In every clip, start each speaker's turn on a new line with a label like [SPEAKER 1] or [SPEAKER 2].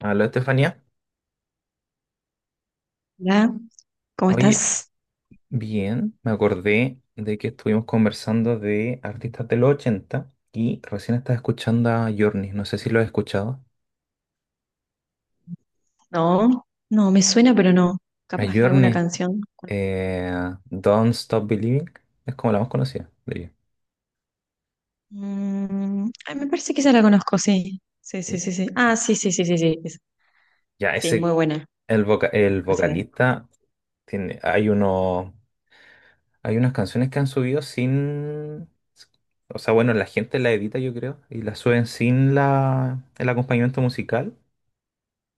[SPEAKER 1] Hola, Estefanía.
[SPEAKER 2] Hola, ¿cómo
[SPEAKER 1] Oye,
[SPEAKER 2] estás?
[SPEAKER 1] bien, me acordé de que estuvimos conversando de artistas de los 80 y recién estás escuchando a Journey. No sé si lo has escuchado.
[SPEAKER 2] No, no, me suena, pero no.
[SPEAKER 1] A
[SPEAKER 2] Capaz que alguna
[SPEAKER 1] Journey,
[SPEAKER 2] canción.
[SPEAKER 1] eh, Don't Stop Believing, es como la más conocida de ella.
[SPEAKER 2] Mm, ay, me parece que esa la conozco, sí. Sí,
[SPEAKER 1] Y-
[SPEAKER 2] sí, sí, sí. Ah,
[SPEAKER 1] y-
[SPEAKER 2] sí, sí, sí, sí, sí.
[SPEAKER 1] Ya,
[SPEAKER 2] Sí, muy
[SPEAKER 1] ese,
[SPEAKER 2] buena.
[SPEAKER 1] el
[SPEAKER 2] Conocida.
[SPEAKER 1] vocalista, tiene, hay uno, hay unas canciones que han subido sin... O sea, bueno, la gente la edita, yo creo, y la suben sin el acompañamiento musical.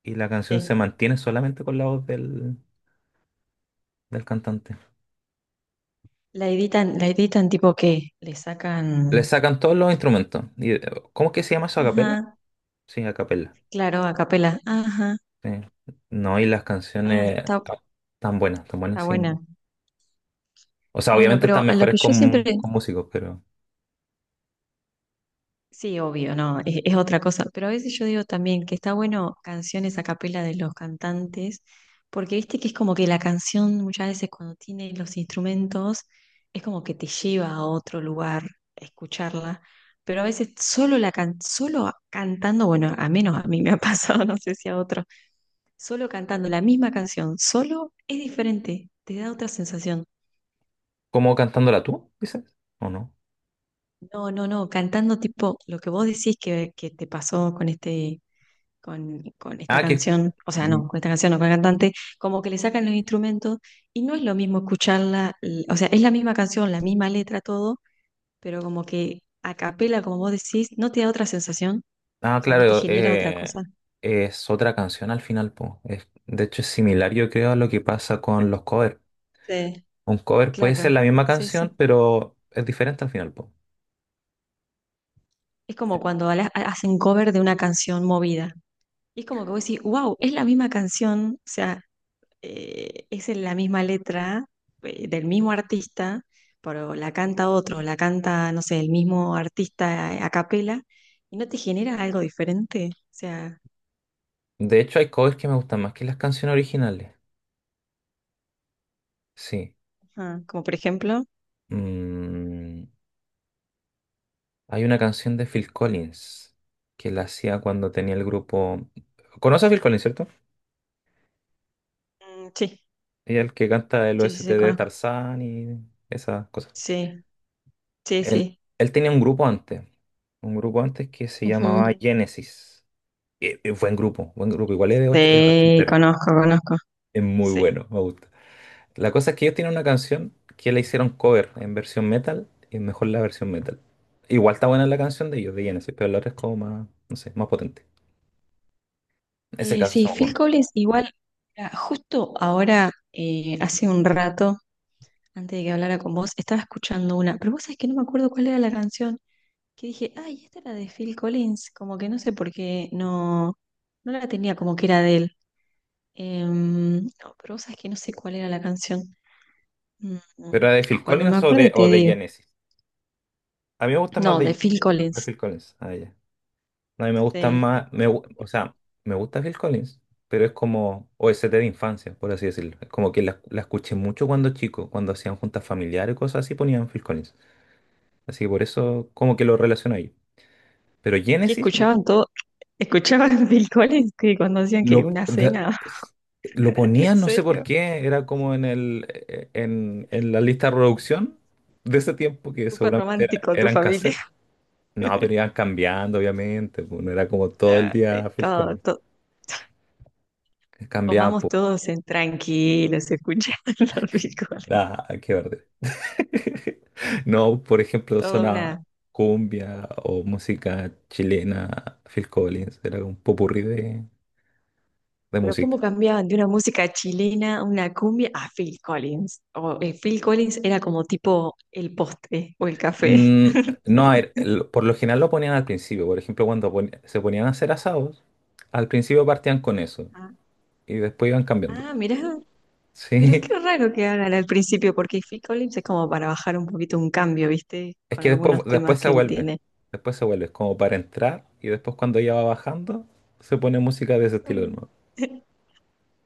[SPEAKER 1] Y la canción se
[SPEAKER 2] Sí.
[SPEAKER 1] mantiene solamente con la voz del cantante.
[SPEAKER 2] La editan tipo que le
[SPEAKER 1] Le
[SPEAKER 2] sacan.
[SPEAKER 1] sacan todos los instrumentos. Y, ¿cómo es que se llama eso? ¿A capela?
[SPEAKER 2] Ajá,
[SPEAKER 1] Sí, a capela.
[SPEAKER 2] claro, a capela. Ajá.
[SPEAKER 1] Sí. No, y las
[SPEAKER 2] Ah,
[SPEAKER 1] canciones
[SPEAKER 2] está,
[SPEAKER 1] tan buenas,
[SPEAKER 2] está
[SPEAKER 1] sí.
[SPEAKER 2] buena.
[SPEAKER 1] O sea,
[SPEAKER 2] Bueno,
[SPEAKER 1] obviamente están
[SPEAKER 2] pero a lo
[SPEAKER 1] mejores
[SPEAKER 2] que yo siempre.
[SPEAKER 1] con músicos, pero
[SPEAKER 2] Sí, obvio, no, es otra cosa. Pero a veces yo digo también que está bueno canciones a capela de los cantantes, porque viste que es como que la canción muchas veces cuando tiene los instrumentos es como que te lleva a otro lugar escucharla. Pero a veces solo cantando, bueno, a menos a mí me ha pasado, no sé si a otro, solo cantando la misma canción, solo es diferente, te da otra sensación.
[SPEAKER 1] ¿cómo cantándola tú, dices? ¿O no?
[SPEAKER 2] No, no, no, cantando tipo lo que vos decís que te pasó con este con esta
[SPEAKER 1] Ah, que...
[SPEAKER 2] canción, o sea,
[SPEAKER 1] mm,
[SPEAKER 2] no, con esta canción o con el cantante, como que le sacan los instrumentos y no es lo mismo escucharla, o sea, es la misma canción, la misma letra, todo, pero como que a capela, como vos decís, no te da otra sensación, o
[SPEAKER 1] Ah,
[SPEAKER 2] sea, no te
[SPEAKER 1] claro,
[SPEAKER 2] genera otra cosa.
[SPEAKER 1] es otra canción al final, po. De hecho, es similar, yo creo, a lo que pasa con los covers.
[SPEAKER 2] Sí,
[SPEAKER 1] Un cover puede ser
[SPEAKER 2] claro,
[SPEAKER 1] la misma
[SPEAKER 2] sí,
[SPEAKER 1] canción,
[SPEAKER 2] sí.
[SPEAKER 1] pero es diferente al final, po.
[SPEAKER 2] Es como cuando hacen cover de una canción movida. Y es como que vos decís, wow, es la misma canción, o sea, es en la misma letra del mismo artista, pero la canta otro, la canta, no sé, el mismo artista a capela, y no te genera algo diferente. O sea,
[SPEAKER 1] De hecho, hay covers que me gustan más que las canciones originales. Sí.
[SPEAKER 2] ajá, como por ejemplo,
[SPEAKER 1] Mm, hay una canción de Phil Collins que la hacía cuando tenía el grupo. ¿Conoces a Phil Collins, cierto?
[SPEAKER 2] mm, sí,
[SPEAKER 1] Ella es el que canta el
[SPEAKER 2] sí, sí,
[SPEAKER 1] OST
[SPEAKER 2] sí,
[SPEAKER 1] de
[SPEAKER 2] conozco.
[SPEAKER 1] Tarzán y esas cosas.
[SPEAKER 2] Sí, sí,
[SPEAKER 1] Él,
[SPEAKER 2] sí.
[SPEAKER 1] él tenía un grupo antes. Un grupo antes que se llamaba
[SPEAKER 2] Ujú.
[SPEAKER 1] Genesis. Buen grupo, buen grupo. Igual es es
[SPEAKER 2] Sí,
[SPEAKER 1] ochentero.
[SPEAKER 2] conozco, conozco.
[SPEAKER 1] Es muy
[SPEAKER 2] Sí.
[SPEAKER 1] bueno, me gusta. La cosa es que ellos tienen una canción que la hicieron cover en versión metal y es mejor la versión metal. Igual está buena la canción de ellos, de Genesis, pero la otra es como más, no sé, más potente. En ese
[SPEAKER 2] Eh,
[SPEAKER 1] caso se
[SPEAKER 2] sí,
[SPEAKER 1] me
[SPEAKER 2] Phil
[SPEAKER 1] ocurre.
[SPEAKER 2] Collins igual, mira, justo ahora, hace un rato, antes de que hablara con vos, estaba escuchando una, pero vos sabés que no me acuerdo cuál era la canción. Que dije, ay, esta era de Phil Collins, como que no sé por qué no, no la tenía como que era de él. No, pero vos sabés que no sé cuál era la canción. Mm, mm.
[SPEAKER 1] ¿Pero la de Phil
[SPEAKER 2] Cuando me
[SPEAKER 1] Collins o
[SPEAKER 2] acuerde te
[SPEAKER 1] o de
[SPEAKER 2] digo.
[SPEAKER 1] Genesis? A mí me gusta más
[SPEAKER 2] No, de Phil
[SPEAKER 1] de
[SPEAKER 2] Collins.
[SPEAKER 1] Phil Collins. Ah, ya. No, a mí me gusta
[SPEAKER 2] Sí.
[SPEAKER 1] más, o sea, me gusta Phil Collins, pero es como o OST de infancia, por así decirlo. Es como que la escuché mucho cuando chico, cuando hacían juntas familiares y cosas así, ponían Phil Collins. Así que por eso como que lo relaciono ahí. Pero
[SPEAKER 2] Que
[SPEAKER 1] Genesis
[SPEAKER 2] escuchaban todo, escuchaban Phil Collins que cuando hacían que
[SPEAKER 1] Lo,
[SPEAKER 2] una
[SPEAKER 1] de-
[SPEAKER 2] cena,
[SPEAKER 1] lo
[SPEAKER 2] en
[SPEAKER 1] ponían, no sé por
[SPEAKER 2] serio,
[SPEAKER 1] qué, era como en en la lista de reproducción de ese tiempo, que
[SPEAKER 2] súper
[SPEAKER 1] seguramente
[SPEAKER 2] romántico tu
[SPEAKER 1] eran
[SPEAKER 2] familia.
[SPEAKER 1] cassette. No, pero iban cambiando, obviamente, pues, no era como todo el
[SPEAKER 2] Ya,
[SPEAKER 1] día
[SPEAKER 2] eh,
[SPEAKER 1] Phil
[SPEAKER 2] Todo,
[SPEAKER 1] Collins.
[SPEAKER 2] todo.
[SPEAKER 1] Cambiaban,
[SPEAKER 2] Comamos
[SPEAKER 1] pues,
[SPEAKER 2] todos en tranquilos, escuchando Phil Collins.
[SPEAKER 1] da, qué verde. No, por ejemplo,
[SPEAKER 2] Toda
[SPEAKER 1] sonaba
[SPEAKER 2] una.
[SPEAKER 1] cumbia o música chilena, Phil Collins, era un popurrí de
[SPEAKER 2] Pero
[SPEAKER 1] música.
[SPEAKER 2] cómo cambiaban de una música chilena a una cumbia a Phil Collins. O Phil Collins era como tipo el postre o el café.
[SPEAKER 1] Mm, no, a ver, por lo general lo ponían al principio. Por ejemplo, se ponían a hacer asados, al principio partían con eso
[SPEAKER 2] Ah,
[SPEAKER 1] y después iban cambiando.
[SPEAKER 2] ah, mirá, pero
[SPEAKER 1] Sí,
[SPEAKER 2] qué raro que hagan al principio, porque Phil Collins es como para bajar un poquito un cambio, ¿viste?
[SPEAKER 1] es
[SPEAKER 2] Con
[SPEAKER 1] que después,
[SPEAKER 2] algunos temas
[SPEAKER 1] después se
[SPEAKER 2] que él
[SPEAKER 1] vuelve.
[SPEAKER 2] tiene.
[SPEAKER 1] Después se vuelve, es como para entrar y después cuando ya va bajando, se pone música de ese estilo de
[SPEAKER 2] Mm.
[SPEAKER 1] nuevo.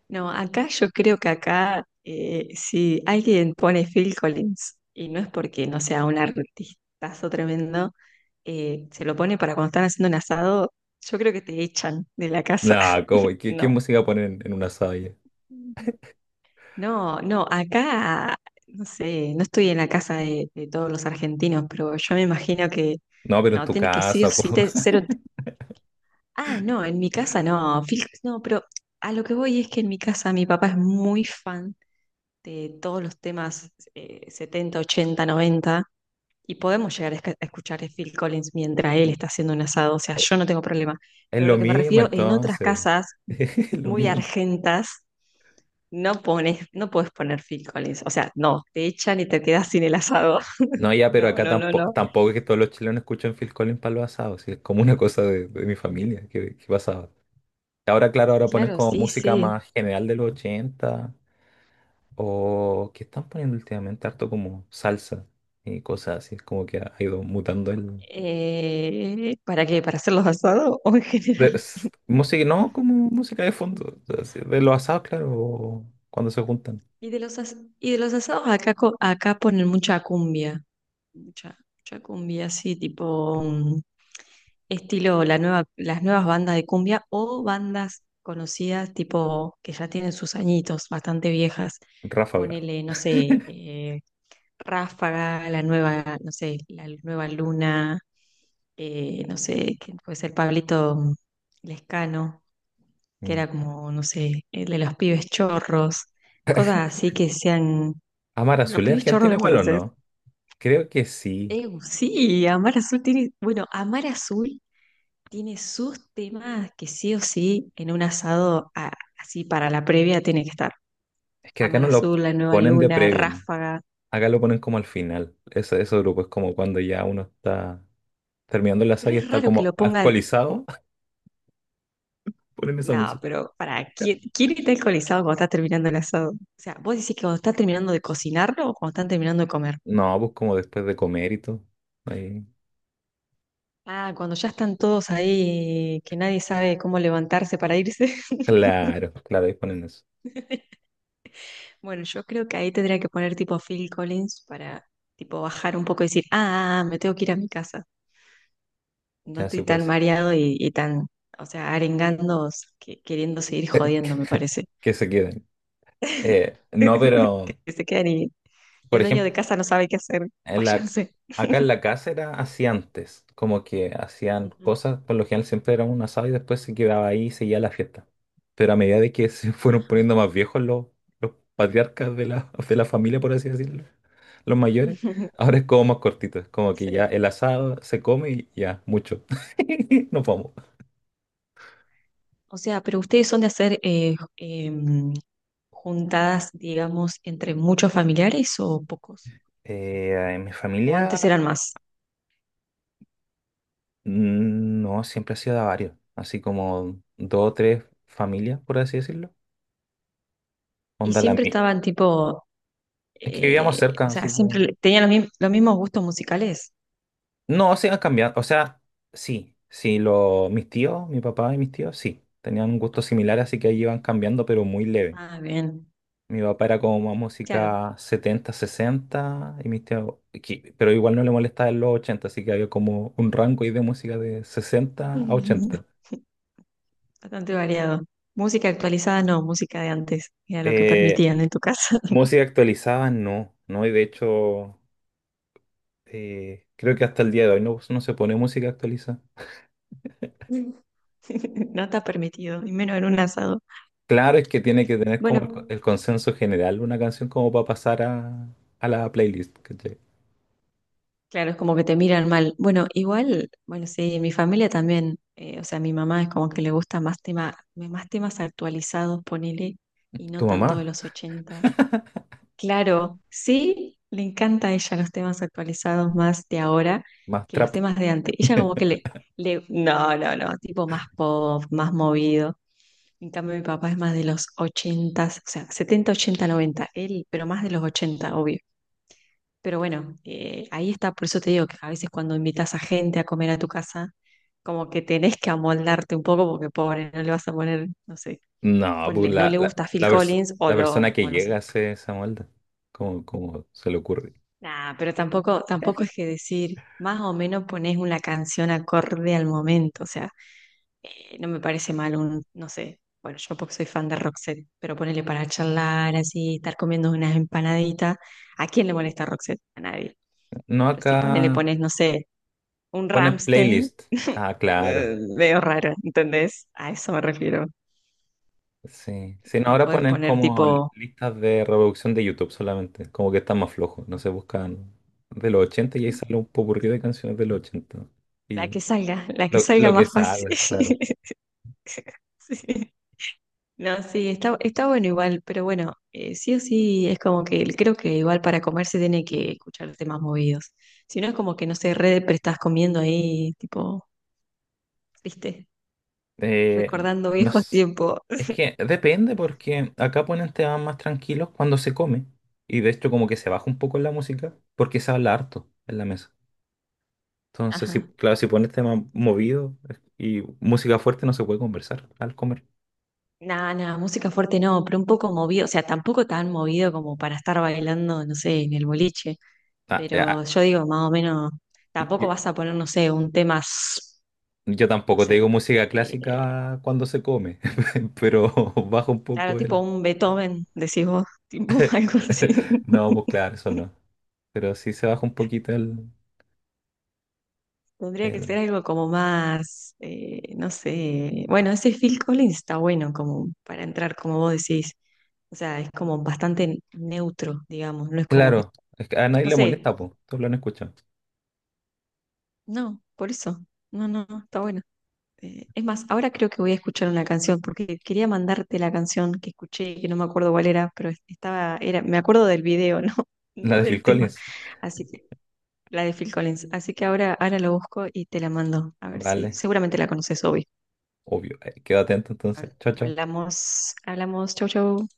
[SPEAKER 2] No, acá yo creo que acá si alguien pone Phil Collins, y no es porque no sea un artistazo tremendo, se lo pone para cuando están haciendo un asado, yo creo que te echan de la casa.
[SPEAKER 1] No, como, ¿Qué, qué
[SPEAKER 2] No,
[SPEAKER 1] música ponen en un asado ya?
[SPEAKER 2] no, no, acá, no sé, no estoy en la casa de, todos los argentinos, pero yo me imagino que,
[SPEAKER 1] No, pero en
[SPEAKER 2] no,
[SPEAKER 1] tu
[SPEAKER 2] tiene que sí o
[SPEAKER 1] casa, po.
[SPEAKER 2] sí, te, cero, ah, no, en mi casa no, no, pero a lo que voy es que en mi casa mi papá es muy fan de todos los temas 70, 80, 90. Y podemos llegar a a escuchar a Phil Collins mientras él está haciendo un asado, o sea, yo no tengo problema.
[SPEAKER 1] Es
[SPEAKER 2] Pero
[SPEAKER 1] lo
[SPEAKER 2] lo que me
[SPEAKER 1] mismo
[SPEAKER 2] refiero, en otras
[SPEAKER 1] entonces.
[SPEAKER 2] casas
[SPEAKER 1] Es lo
[SPEAKER 2] muy
[SPEAKER 1] mismo.
[SPEAKER 2] argentas, no pones, no puedes poner Phil Collins. O sea, no, te echan y te quedas sin el asado.
[SPEAKER 1] No, ya, pero
[SPEAKER 2] No,
[SPEAKER 1] acá
[SPEAKER 2] no, no,
[SPEAKER 1] tampoco,
[SPEAKER 2] no.
[SPEAKER 1] tampoco es que todos los chilenos escuchen Phil Collins para los asados, sí, es como una cosa de mi familia que pasaba. Ahora, claro, ahora pones
[SPEAKER 2] Claro,
[SPEAKER 1] como
[SPEAKER 2] sí,
[SPEAKER 1] música
[SPEAKER 2] sí.
[SPEAKER 1] más general de los 80 o que están poniendo últimamente harto como salsa y cosas así, es como que ha ido mutando el...
[SPEAKER 2] ¿Para qué? ¿Para hacer los asados o en general?
[SPEAKER 1] música, no como música de fondo, o sea, sí, de los asados, claro, o cuando se juntan.
[SPEAKER 2] Y de los asados acá, acá ponen mucha cumbia. Mucha, mucha cumbia, sí, tipo. Estilo la nueva, las nuevas bandas de cumbia o bandas conocidas tipo que ya tienen sus añitos, bastante viejas.
[SPEAKER 1] Ráfaga.
[SPEAKER 2] Ponele, no sé, Ráfaga, la nueva, no sé, la nueva Luna, no sé, ¿quién puede ser Pablito Lescano, que
[SPEAKER 1] Mm.
[SPEAKER 2] era como, no sé, el de los pibes chorros, cosas así que sean.
[SPEAKER 1] Amar
[SPEAKER 2] Los
[SPEAKER 1] Azul, ¿es
[SPEAKER 2] pibes chorros
[SPEAKER 1] ¿Argentina
[SPEAKER 2] los
[SPEAKER 1] igual o
[SPEAKER 2] conoces.
[SPEAKER 1] no? Creo que sí,
[SPEAKER 2] Sí, Amar Azul tiene. Bueno, Amar Azul tiene sus temas que sí o sí en un asado así para la previa tiene que estar.
[SPEAKER 1] es que acá
[SPEAKER 2] Amar
[SPEAKER 1] no lo
[SPEAKER 2] Azul, La Nueva
[SPEAKER 1] ponen de
[SPEAKER 2] Luna,
[SPEAKER 1] previa. ¿No?
[SPEAKER 2] Ráfaga.
[SPEAKER 1] Acá lo ponen como al final. Ese grupo es como cuando ya uno está terminando la
[SPEAKER 2] Pero
[SPEAKER 1] saga y
[SPEAKER 2] es
[SPEAKER 1] está
[SPEAKER 2] raro que
[SPEAKER 1] como
[SPEAKER 2] lo pongan.
[SPEAKER 1] alcoholizado. Ponen esa
[SPEAKER 2] No,
[SPEAKER 1] música.
[SPEAKER 2] pero para, ¿quién está alcoholizado cuando está terminando el asado? O sea, vos decís que cuando está terminando de cocinarlo o cuando están terminando de comer.
[SPEAKER 1] No, pues como después de comer y todo. Ahí.
[SPEAKER 2] Ah, cuando ya están todos ahí, que nadie sabe cómo levantarse para irse.
[SPEAKER 1] Claro, claro, ahí ponen eso.
[SPEAKER 2] Bueno, yo creo que ahí tendría que poner tipo Phil Collins para tipo bajar un poco y decir, ah, ah, ah, me tengo que ir a mi casa. No
[SPEAKER 1] Ya sí
[SPEAKER 2] estoy
[SPEAKER 1] puede
[SPEAKER 2] tan
[SPEAKER 1] ser.
[SPEAKER 2] mareado y tan, o sea, arengando, queriendo seguir jodiendo, me parece.
[SPEAKER 1] Que se queden. No, pero,
[SPEAKER 2] Que se quedan y el
[SPEAKER 1] por
[SPEAKER 2] dueño de
[SPEAKER 1] ejemplo,
[SPEAKER 2] casa no sabe qué hacer.
[SPEAKER 1] En
[SPEAKER 2] Váyanse.
[SPEAKER 1] acá en la casa era así antes, como que hacían
[SPEAKER 2] Ujú.
[SPEAKER 1] cosas, por lo general siempre era un asado y después se quedaba ahí y seguía la fiesta. Pero a medida de que se fueron
[SPEAKER 2] Ajá.
[SPEAKER 1] poniendo más viejos los patriarcas de de la familia, por así decirlo, los mayores, ahora es como más cortito, es como que ya
[SPEAKER 2] Sí.
[SPEAKER 1] el asado se come y ya, mucho. Nos vamos.
[SPEAKER 2] O sea, pero ustedes son de hacer juntadas, digamos, entre muchos familiares o pocos.
[SPEAKER 1] En mi
[SPEAKER 2] O
[SPEAKER 1] familia,
[SPEAKER 2] antes eran más.
[SPEAKER 1] no, siempre ha sido de a varios, así como dos o tres familias, por así decirlo.
[SPEAKER 2] Y
[SPEAKER 1] Onda la
[SPEAKER 2] siempre
[SPEAKER 1] mía.
[SPEAKER 2] estaban tipo,
[SPEAKER 1] Es que vivíamos cerca,
[SPEAKER 2] o sea,
[SPEAKER 1] así que.
[SPEAKER 2] siempre tenían los mismos gustos musicales.
[SPEAKER 1] No, se han cambiado. O sea, sí, sí, mis tíos, mi papá y mis tíos, sí, tenían un gusto similar, así que ahí iban cambiando, pero muy leve.
[SPEAKER 2] Ah, bien.
[SPEAKER 1] Mi papá era como más
[SPEAKER 2] Claro.
[SPEAKER 1] música 70, 60 y mis tíos, pero igual no le molestaba en los 80, así que había como un rango ahí de música de 60 a ochenta.
[SPEAKER 2] Bastante variado. Música actualizada no, música de antes, era lo que
[SPEAKER 1] Eh,
[SPEAKER 2] permitían en tu casa.
[SPEAKER 1] música actualizada, no, no, y de hecho, creo que hasta el día de hoy no, no se pone música actualizada.
[SPEAKER 2] No está permitido, y menos en un asado.
[SPEAKER 1] Claro, es que tiene que tener como
[SPEAKER 2] Bueno,
[SPEAKER 1] el consenso general una canción como para pasar a la playlist. ¿Cachai?
[SPEAKER 2] claro, es como que te miran mal. Bueno, igual, bueno, sí, en mi familia también, o sea, mi mamá es como que le gusta más tema, más temas actualizados, ponele, y
[SPEAKER 1] Tu
[SPEAKER 2] no tanto de
[SPEAKER 1] mamá,
[SPEAKER 2] los ochenta. Claro, sí, le encanta a ella los temas actualizados más de ahora
[SPEAKER 1] más
[SPEAKER 2] que los
[SPEAKER 1] trap.
[SPEAKER 2] temas de antes. Ella como que le, no, no, no, tipo más pop, más movido. En cambio, mi papá es más de los 80, o sea, 70 80 90 él, pero más de los 80 obvio. Pero bueno, ahí está, por eso te digo que a veces cuando invitas a gente a comer a tu casa, como que tenés que amoldarte un poco porque pobre, no le vas a poner, no sé,
[SPEAKER 1] No, pues
[SPEAKER 2] ponle, no le gusta Phil
[SPEAKER 1] la
[SPEAKER 2] Collins o
[SPEAKER 1] la
[SPEAKER 2] lo,
[SPEAKER 1] persona que
[SPEAKER 2] o no sé.
[SPEAKER 1] llega hace esa molda. ¿Cómo como se le ocurre?
[SPEAKER 2] Nah, pero tampoco, tampoco es que decir, más o menos ponés una canción acorde al momento, o sea, no me parece mal un, no sé, bueno, yo porque soy fan de Roxette, pero ponele para charlar así, estar comiendo unas empanaditas. ¿A quién le molesta Roxette? A nadie.
[SPEAKER 1] No,
[SPEAKER 2] Pero si ponele,
[SPEAKER 1] acá
[SPEAKER 2] pones, no sé, un
[SPEAKER 1] ponen
[SPEAKER 2] Rammstein,
[SPEAKER 1] playlist. Ah, claro.
[SPEAKER 2] veo raro, ¿entendés? A eso me refiero.
[SPEAKER 1] Sí. Sí, no,
[SPEAKER 2] No
[SPEAKER 1] ahora
[SPEAKER 2] podés
[SPEAKER 1] ponen
[SPEAKER 2] poner
[SPEAKER 1] como
[SPEAKER 2] tipo
[SPEAKER 1] listas de reproducción de YouTube solamente. Como que está más flojo. No se buscan de los 80 y ahí sale un popurrí de canciones de los 80. Y
[SPEAKER 2] la que salga
[SPEAKER 1] lo que
[SPEAKER 2] más fácil.
[SPEAKER 1] sale, claro.
[SPEAKER 2] Sí. No, sí, está bueno igual, pero bueno, sí o sí es como que creo que igual para comer se tiene que escuchar temas movidos. Si no es como que, no sé, re depre estás comiendo ahí, tipo, viste,
[SPEAKER 1] Eh,
[SPEAKER 2] recordando
[SPEAKER 1] no
[SPEAKER 2] viejos
[SPEAKER 1] es,
[SPEAKER 2] tiempos.
[SPEAKER 1] es que depende porque acá ponen temas más tranquilos cuando se come. Y de hecho como que se baja un poco la música porque se habla harto en la mesa. Entonces, sí,
[SPEAKER 2] Ajá.
[SPEAKER 1] claro, si pones temas movidos y música fuerte no se puede conversar al comer.
[SPEAKER 2] Nada, nada, música fuerte no, pero un poco movido, o sea, tampoco tan movido como para estar bailando, no sé, en el boliche,
[SPEAKER 1] Ah, eh,
[SPEAKER 2] pero
[SPEAKER 1] ah,
[SPEAKER 2] yo digo, más o menos,
[SPEAKER 1] y-
[SPEAKER 2] tampoco
[SPEAKER 1] y-
[SPEAKER 2] vas a poner, no sé, un tema,
[SPEAKER 1] yo,
[SPEAKER 2] no
[SPEAKER 1] tampoco te digo
[SPEAKER 2] sé,
[SPEAKER 1] música
[SPEAKER 2] eh,
[SPEAKER 1] clásica cuando se come, pero baja un
[SPEAKER 2] claro,
[SPEAKER 1] poco
[SPEAKER 2] tipo
[SPEAKER 1] el...
[SPEAKER 2] un Beethoven, decís vos, tipo algo así.
[SPEAKER 1] No, pues claro, eso no. Pero sí se baja un poquito
[SPEAKER 2] Tendría que
[SPEAKER 1] el...
[SPEAKER 2] ser algo como más, no sé. Bueno, ese Phil Collins está bueno como para entrar, como vos decís. O sea, es como bastante neutro, digamos. No es como que,
[SPEAKER 1] Claro, es que a nadie
[SPEAKER 2] no
[SPEAKER 1] le
[SPEAKER 2] sé,
[SPEAKER 1] molesta, pues, todos lo han escuchado.
[SPEAKER 2] no, por eso. No, no, no, está bueno. Es más, ahora creo que voy a escuchar una canción porque quería mandarte la canción que escuché, que no me acuerdo cuál era, pero estaba, era, me acuerdo del video, ¿no?
[SPEAKER 1] La
[SPEAKER 2] No
[SPEAKER 1] de Phil
[SPEAKER 2] del tema.
[SPEAKER 1] Collins.
[SPEAKER 2] Así que, la de Phil Collins. Así que ahora, lo busco y te la mando. A ver si,
[SPEAKER 1] Vale,
[SPEAKER 2] seguramente la conoces, obvio.
[SPEAKER 1] obvio. Quedo atento entonces. Chao, chao.
[SPEAKER 2] Hablamos, hablamos, chau, chau.